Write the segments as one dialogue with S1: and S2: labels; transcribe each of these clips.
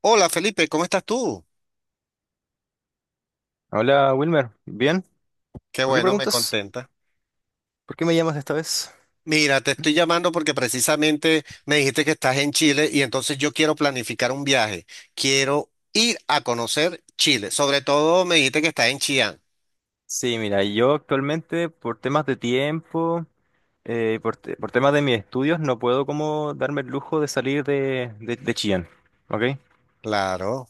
S1: Hola Felipe, ¿cómo estás tú?
S2: Hola Wilmer, ¿bien?
S1: Qué
S2: ¿Por qué
S1: bueno, me
S2: preguntas?
S1: contenta.
S2: ¿Por qué me llamas esta vez?
S1: Mira, te estoy llamando porque precisamente me dijiste que estás en Chile y entonces yo quiero planificar un viaje. Quiero ir a conocer Chile. Sobre todo me dijiste que estás en Chillán.
S2: Sí, mira, yo actualmente por temas de tiempo, por temas de mis estudios, no puedo como darme el lujo de salir de Chillán, ¿ok?
S1: Claro.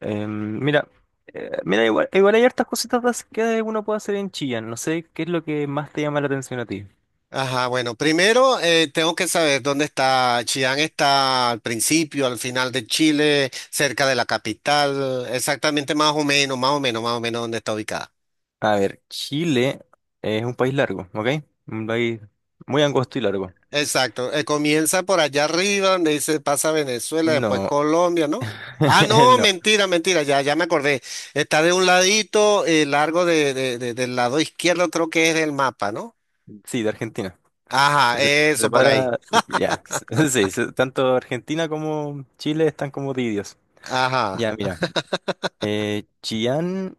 S2: Em, mira, mira, igual hay hartas cositas más que uno puede hacer en Chillán, no sé qué es lo que más te llama la atención a ti.
S1: Ajá, bueno, primero tengo que saber dónde está Chillán. ¿Está al principio, al final de Chile, cerca de la capital? Exactamente más o menos, dónde está ubicada.
S2: A ver, Chile es un país largo, ¿ok? Un país muy angosto y largo.
S1: Exacto, comienza por allá arriba, donde dice pasa Venezuela, después
S2: No,
S1: Colombia, ¿no? Ah, no,
S2: no,
S1: mentira, ya me acordé. Está de un ladito, largo del lado izquierdo, creo que es el mapa, ¿no?
S2: sí, de Argentina.
S1: Ajá,
S2: Se
S1: eso por ahí.
S2: separa, ya, sí, se- tanto Argentina como Chile están como divididos.
S1: Ajá.
S2: Ya, mira, Chillán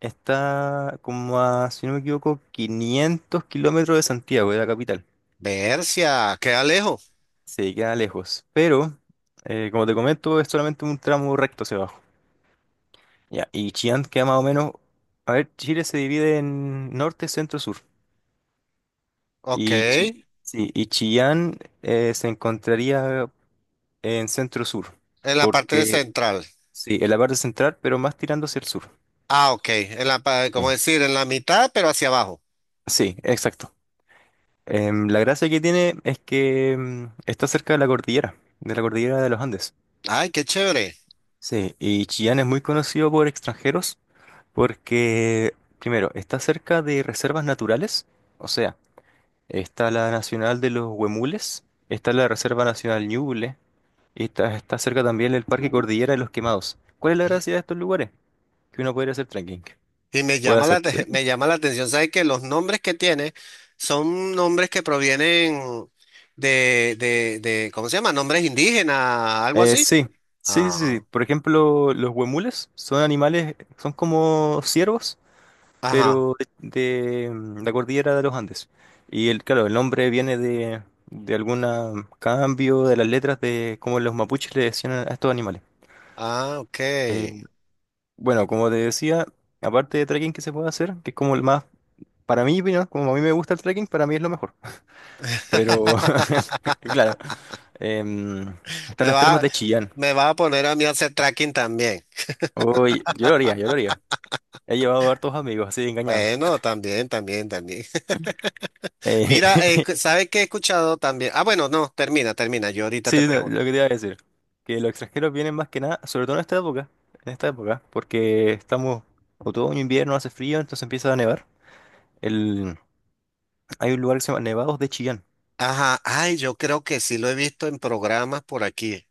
S2: está como a, si no me equivoco, 500 kilómetros de Santiago, de la capital.
S1: Bercia, queda lejos.
S2: Se queda lejos, pero, como te comento, es solamente un tramo recto hacia abajo. Ya, y Chillán queda más o menos, a ver, Chile se divide en norte, centro, sur.
S1: Ok,
S2: Y, Chi-
S1: en
S2: sí, y Chillán se encontraría en centro-sur.
S1: la parte de
S2: Porque
S1: central.
S2: sí, en la parte central, pero más tirando hacia el sur.
S1: Ah, ok, en la, como
S2: Sí.
S1: decir, en la mitad, pero hacia abajo.
S2: Sí, exacto. La gracia que tiene es que está cerca de la cordillera, de la cordillera de los Andes.
S1: Ay, qué chévere.
S2: Sí, y Chillán es muy conocido por extranjeros porque, primero, está cerca de reservas naturales, o sea, está la Nacional de los Huemules, está la Reserva Nacional Ñuble, está cerca también el Parque Cordillera de los Quemados. ¿Cuál es la gracia de estos lugares? Que uno puede ir a hacer trekking.
S1: Y me
S2: Puede
S1: llama
S2: hacer
S1: la, te-
S2: trekking.
S1: me llama la atención, ¿sabes? Que los nombres que tiene son nombres que provienen de, ¿cómo se llama? Nombres indígenas, algo así.
S2: Sí, sí.
S1: Ah.
S2: Por ejemplo, los huemules son animales, son como ciervos,
S1: Ajá.
S2: pero de la cordillera de los Andes. Y el, claro, el nombre viene de algún cambio de las letras de cómo los mapuches le decían a estos animales.
S1: Ah, ok.
S2: Eh, bueno, como te decía, aparte de trekking que se puede hacer, que es como el más, para mí, ¿no?, como a mí me gusta el trekking, para mí es lo mejor. Pero, claro, em, están
S1: Me
S2: las termas
S1: va,
S2: de Chillán.
S1: me va a poner a mí a hacer tracking también.
S2: Uy, yo lo haría. He llevado hartos amigos así engañados.
S1: Bueno, también.
S2: Eh,
S1: Mira, ¿sabes qué he escuchado también? Ah, bueno, no, termina. Yo ahorita te
S2: sí, no, lo
S1: pregunto.
S2: que te iba a decir, que los extranjeros vienen más que nada, sobre todo en esta época, porque estamos otoño, invierno, hace frío, entonces empieza a nevar. El, hay un lugar que se llama Nevados de Chillán,
S1: Ajá. Ay, yo creo que sí lo he visto en programas por aquí.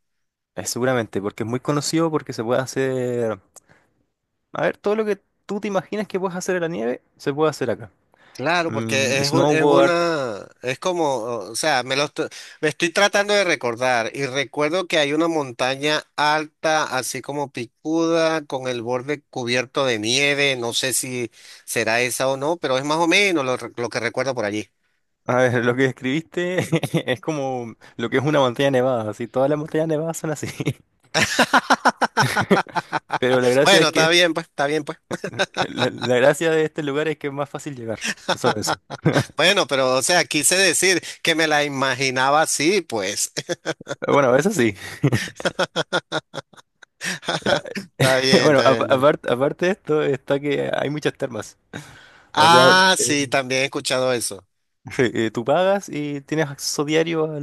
S2: seguramente, porque es muy conocido porque se puede hacer, a ver, todo lo que tú te imaginas que puedes hacer en la nieve, se puede hacer acá.
S1: Claro,
S2: Mm,
S1: porque es, es
S2: snowboard,
S1: una, es como, o sea, me estoy tratando de recordar y recuerdo que hay una montaña alta, así como picuda, con el borde cubierto de nieve, no sé si será esa o no, pero es más o menos lo que recuerdo por allí.
S2: a ver, lo que describiste es como lo que es una montaña nevada, así, todas las montañas nevadas son así. Pero la gracia
S1: Bueno,
S2: es
S1: está
S2: que
S1: bien, pues, está bien, pues.
S2: la gracia de este lugar es que es más fácil llegar. Solo eso.
S1: Bueno, pero, o sea, quise decir que me la imaginaba así, pues.
S2: Bueno, eso sí.
S1: Está bien,
S2: Bueno,
S1: está bien.
S2: aparte de esto, está que hay muchas termas. O sea,
S1: Ah,
S2: eh,
S1: sí, también he escuchado eso.
S2: sí, tú pagas y tienes acceso diario a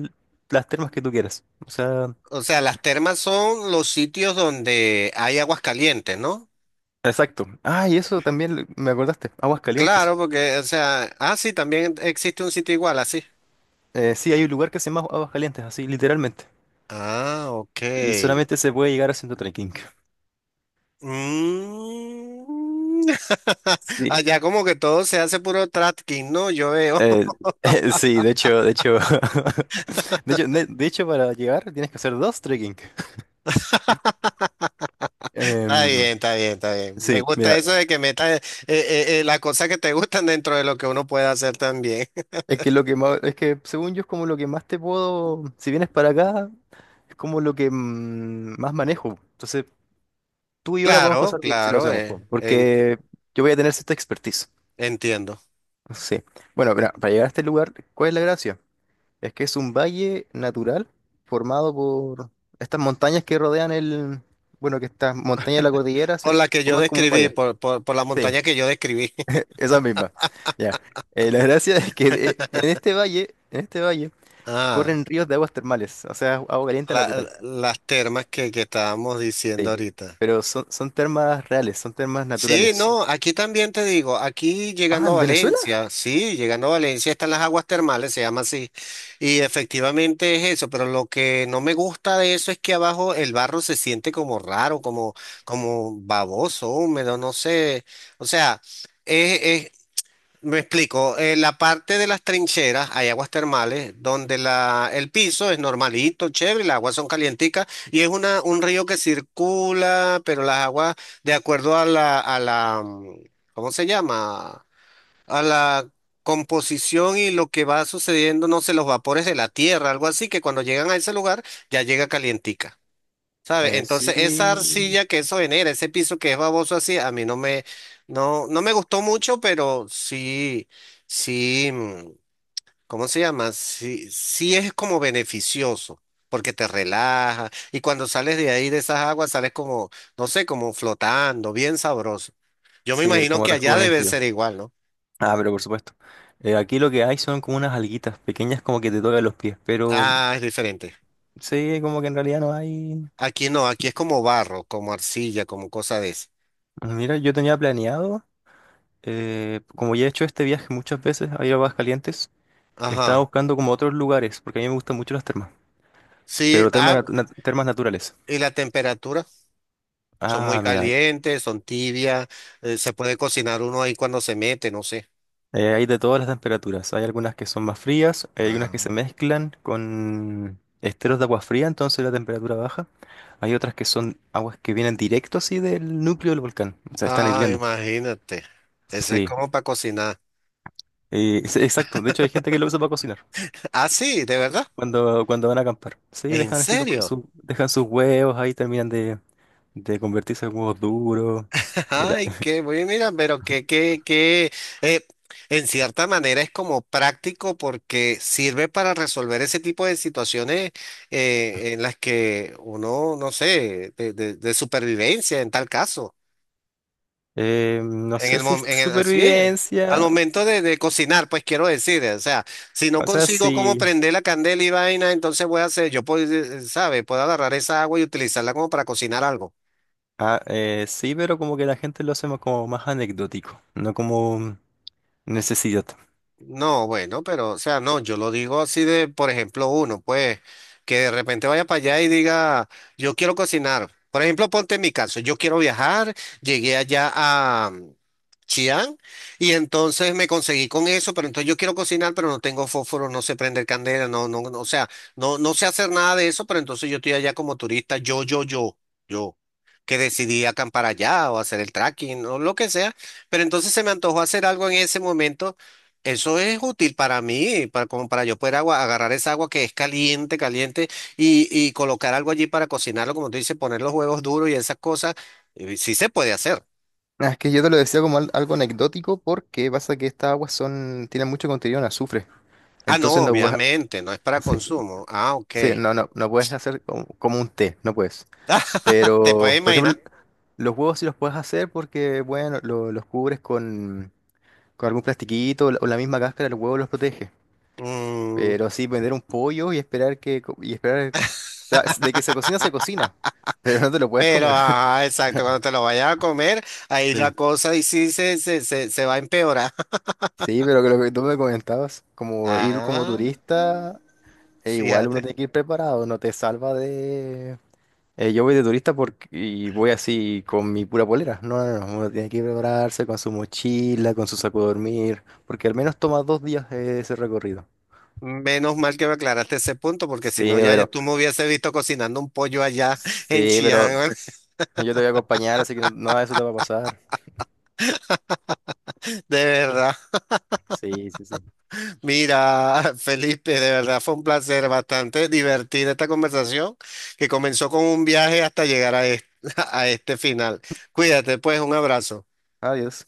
S2: las termas que tú quieras. O sea,
S1: O sea, las termas son los sitios donde hay aguas calientes, ¿no?
S2: exacto. Ah, y eso también me acordaste. Aguas calientes.
S1: Claro, porque, o sea, ah, sí, también existe un sitio igual, así.
S2: Sí, hay un lugar que se llama Aguas Calientes, así, literalmente.
S1: Ah, ok.
S2: Y solamente se puede llegar haciendo trekking.
S1: Mm.
S2: Sí.
S1: Allá como que todo se hace puro tracking, ¿no? Yo veo.
S2: Eh, sí, de hecho, para llegar tienes que hacer dos trekking.
S1: Está
S2: Em,
S1: bien, está bien. Me
S2: sí,
S1: gusta
S2: mira,
S1: eso de que metas las cosas que te gustan dentro de lo que uno puede hacer también.
S2: es que lo que más, es que según yo es como lo que más te puedo, si vienes para acá, es como lo que más manejo. Entonces, tú y yo la podemos
S1: Claro,
S2: pasar bien si lo hacemos, po, porque yo voy a tener cierta expertise.
S1: entiendo.
S2: Sí. Bueno, mira, para llegar a este lugar, ¿cuál es la gracia? Es que es un valle natural formado por estas montañas que rodean bueno, que estas montañas de la cordillera se
S1: Por la que yo
S2: forman como un
S1: describí,
S2: valle.
S1: por la
S2: Sí,
S1: montaña que yo describí.
S2: esa misma. Ya. La gracia es que en este valle,
S1: Ah.
S2: corren ríos de aguas termales, o sea, agua caliente
S1: la-
S2: natural.
S1: las termas que estábamos diciendo
S2: Sí.
S1: ahorita.
S2: Pero son, son termas reales, son termas
S1: Sí,
S2: naturales.
S1: no, aquí también te digo, aquí
S2: Ah,
S1: llegando a
S2: ¿en Venezuela?
S1: Valencia, sí, llegando a Valencia están las aguas termales, se llama así, y efectivamente es eso, pero lo que no me gusta de eso es que abajo el barro se siente como raro, como, como baboso, húmedo, no sé, o sea, me explico, en la parte de las trincheras hay aguas termales donde la, el piso es normalito, chévere, las aguas son calienticas y es una, un río que circula, pero las aguas, de acuerdo ¿cómo se llama? A la composición y lo que va sucediendo, no sé, los vapores de la tierra, algo así, que cuando llegan a ese lugar ya llega calientica. ¿Sabe? Entonces, esa
S2: Sí,
S1: arcilla que eso genera, ese piso que es baboso así, a mí no me, no, no me gustó mucho, pero sí, sí, ¿cómo se llama? Sí, sí es como beneficioso, porque te relaja, y cuando sales de ahí, de esas aguas, sales como, no sé, como flotando, bien sabroso. Yo me
S2: sí,
S1: imagino
S2: como
S1: que allá debe
S2: rejuvenecido.
S1: ser igual, ¿no?
S2: Ah, pero por supuesto. Aquí lo que hay son como unas alguitas pequeñas como que te tocan los pies, pero
S1: Ah, es diferente.
S2: sí, como que en realidad no hay...
S1: Aquí no, aquí es como barro, como arcilla, como cosa de esa.
S2: Mira, yo tenía planeado, como ya he hecho este viaje muchas veces a ir a Aguascalientes, estaba
S1: Ajá.
S2: buscando como otros lugares, porque a mí me gustan mucho las termas,
S1: Sí,
S2: pero termas,
S1: ah,
S2: termas naturales.
S1: y la temperatura. Son muy
S2: Ah, mira,
S1: calientes, son tibias, se puede cocinar uno ahí cuando se mete, no sé.
S2: hay de todas las temperaturas. Hay algunas que son más frías, hay algunas
S1: Ah,
S2: que se mezclan con esteros de agua fría, entonces la temperatura baja. Hay otras que son aguas que vienen directo así del núcleo del volcán, o sea, están
S1: Ah,
S2: hirviendo.
S1: imagínate. Ese es
S2: Sí,
S1: como para cocinar.
S2: exacto. De hecho, hay gente que lo usa para cocinar.
S1: Ah, sí, de verdad.
S2: Cuando van a acampar. Sí,
S1: ¿En
S2: dejan así
S1: serio?
S2: dejan sus huevos ahí, terminan de convertirse en huevos duros. Y la-
S1: Ay, qué bueno, mira, pero eh, en cierta manera es como práctico porque sirve para resolver ese tipo de situaciones en las que uno, no sé, de supervivencia en tal caso.
S2: no
S1: En
S2: sé
S1: el,
S2: si
S1: mom-
S2: es
S1: en el, sí, al
S2: supervivencia.
S1: momento de cocinar, pues quiero decir, o sea, si no
S2: O sea,
S1: consigo cómo
S2: sí.
S1: prender la candela y vaina, entonces voy a hacer, yo puedo, ¿sabe? Puedo agarrar esa agua y utilizarla como para cocinar algo.
S2: Ah, sí, pero como que la gente lo hace como más anecdótico, no como necesidad.
S1: No, bueno, pero, o sea, no, yo lo digo así de, por ejemplo, uno, pues, que de repente vaya para allá y diga, yo quiero cocinar. Por ejemplo, ponte en mi caso, yo quiero viajar, llegué allá a Chiang y entonces me conseguí con eso, pero entonces yo quiero cocinar, pero no tengo fósforo, no sé prender candela, no, no, no, o sea, no, no sé hacer nada de eso, pero entonces yo estoy allá como turista, yo, que decidí acampar allá o hacer el trekking o lo que sea, pero entonces se me antojó hacer algo en ese momento eso es útil para mí, para, como para yo poder agarrar esa agua que es caliente, caliente, y colocar algo allí para cocinarlo, como tú dices, poner los huevos duros y esas cosas. Sí se puede hacer.
S2: Ah, es que yo te lo decía como algo anecdótico porque pasa que estas aguas son, tienen mucho contenido en azufre.
S1: Ah, no,
S2: Entonces no puedes,
S1: obviamente, no es para
S2: sí,
S1: consumo. Ah, ok.
S2: sí, no, no, no puedes hacer como, como un té, no puedes.
S1: Ah, te puedes
S2: Pero, por ejemplo,
S1: imaginar.
S2: los huevos sí los puedes hacer porque, bueno, los cubres con algún plastiquito o la misma cáscara, los huevos los protege.
S1: Mm,
S2: Pero sí, vender un pollo y esperar que, de que se cocina, pero no te lo puedes
S1: pero,
S2: comer.
S1: ajá, exacto, cuando te lo vayas a comer, ahí la
S2: Sí.
S1: cosa y sí se va a empeorar.
S2: Sí, pero que lo que tú me comentabas, como ir como
S1: Ah,
S2: turista, e igual uno
S1: fíjate.
S2: tiene que ir preparado, no te salva de, eh, yo voy de turista porque, y voy así con mi pura polera. No, no, no. Uno tiene que prepararse con su mochila, con su saco de dormir, porque al menos toma 2 días ese recorrido.
S1: Menos mal que me aclaraste ese punto, porque si
S2: Sí,
S1: no,
S2: pero,
S1: tú me hubiese visto cocinando un pollo allá en
S2: sí, pero
S1: Chiang.
S2: yo te voy a acompañar, así que no- nada de eso te va a pasar.
S1: De verdad.
S2: Sí, sí, sí.
S1: Mira, Felipe, de verdad fue un placer bastante divertida esta conversación que comenzó con un viaje hasta llegar a este, a este final. Cuídate, pues, un abrazo.
S2: Adiós.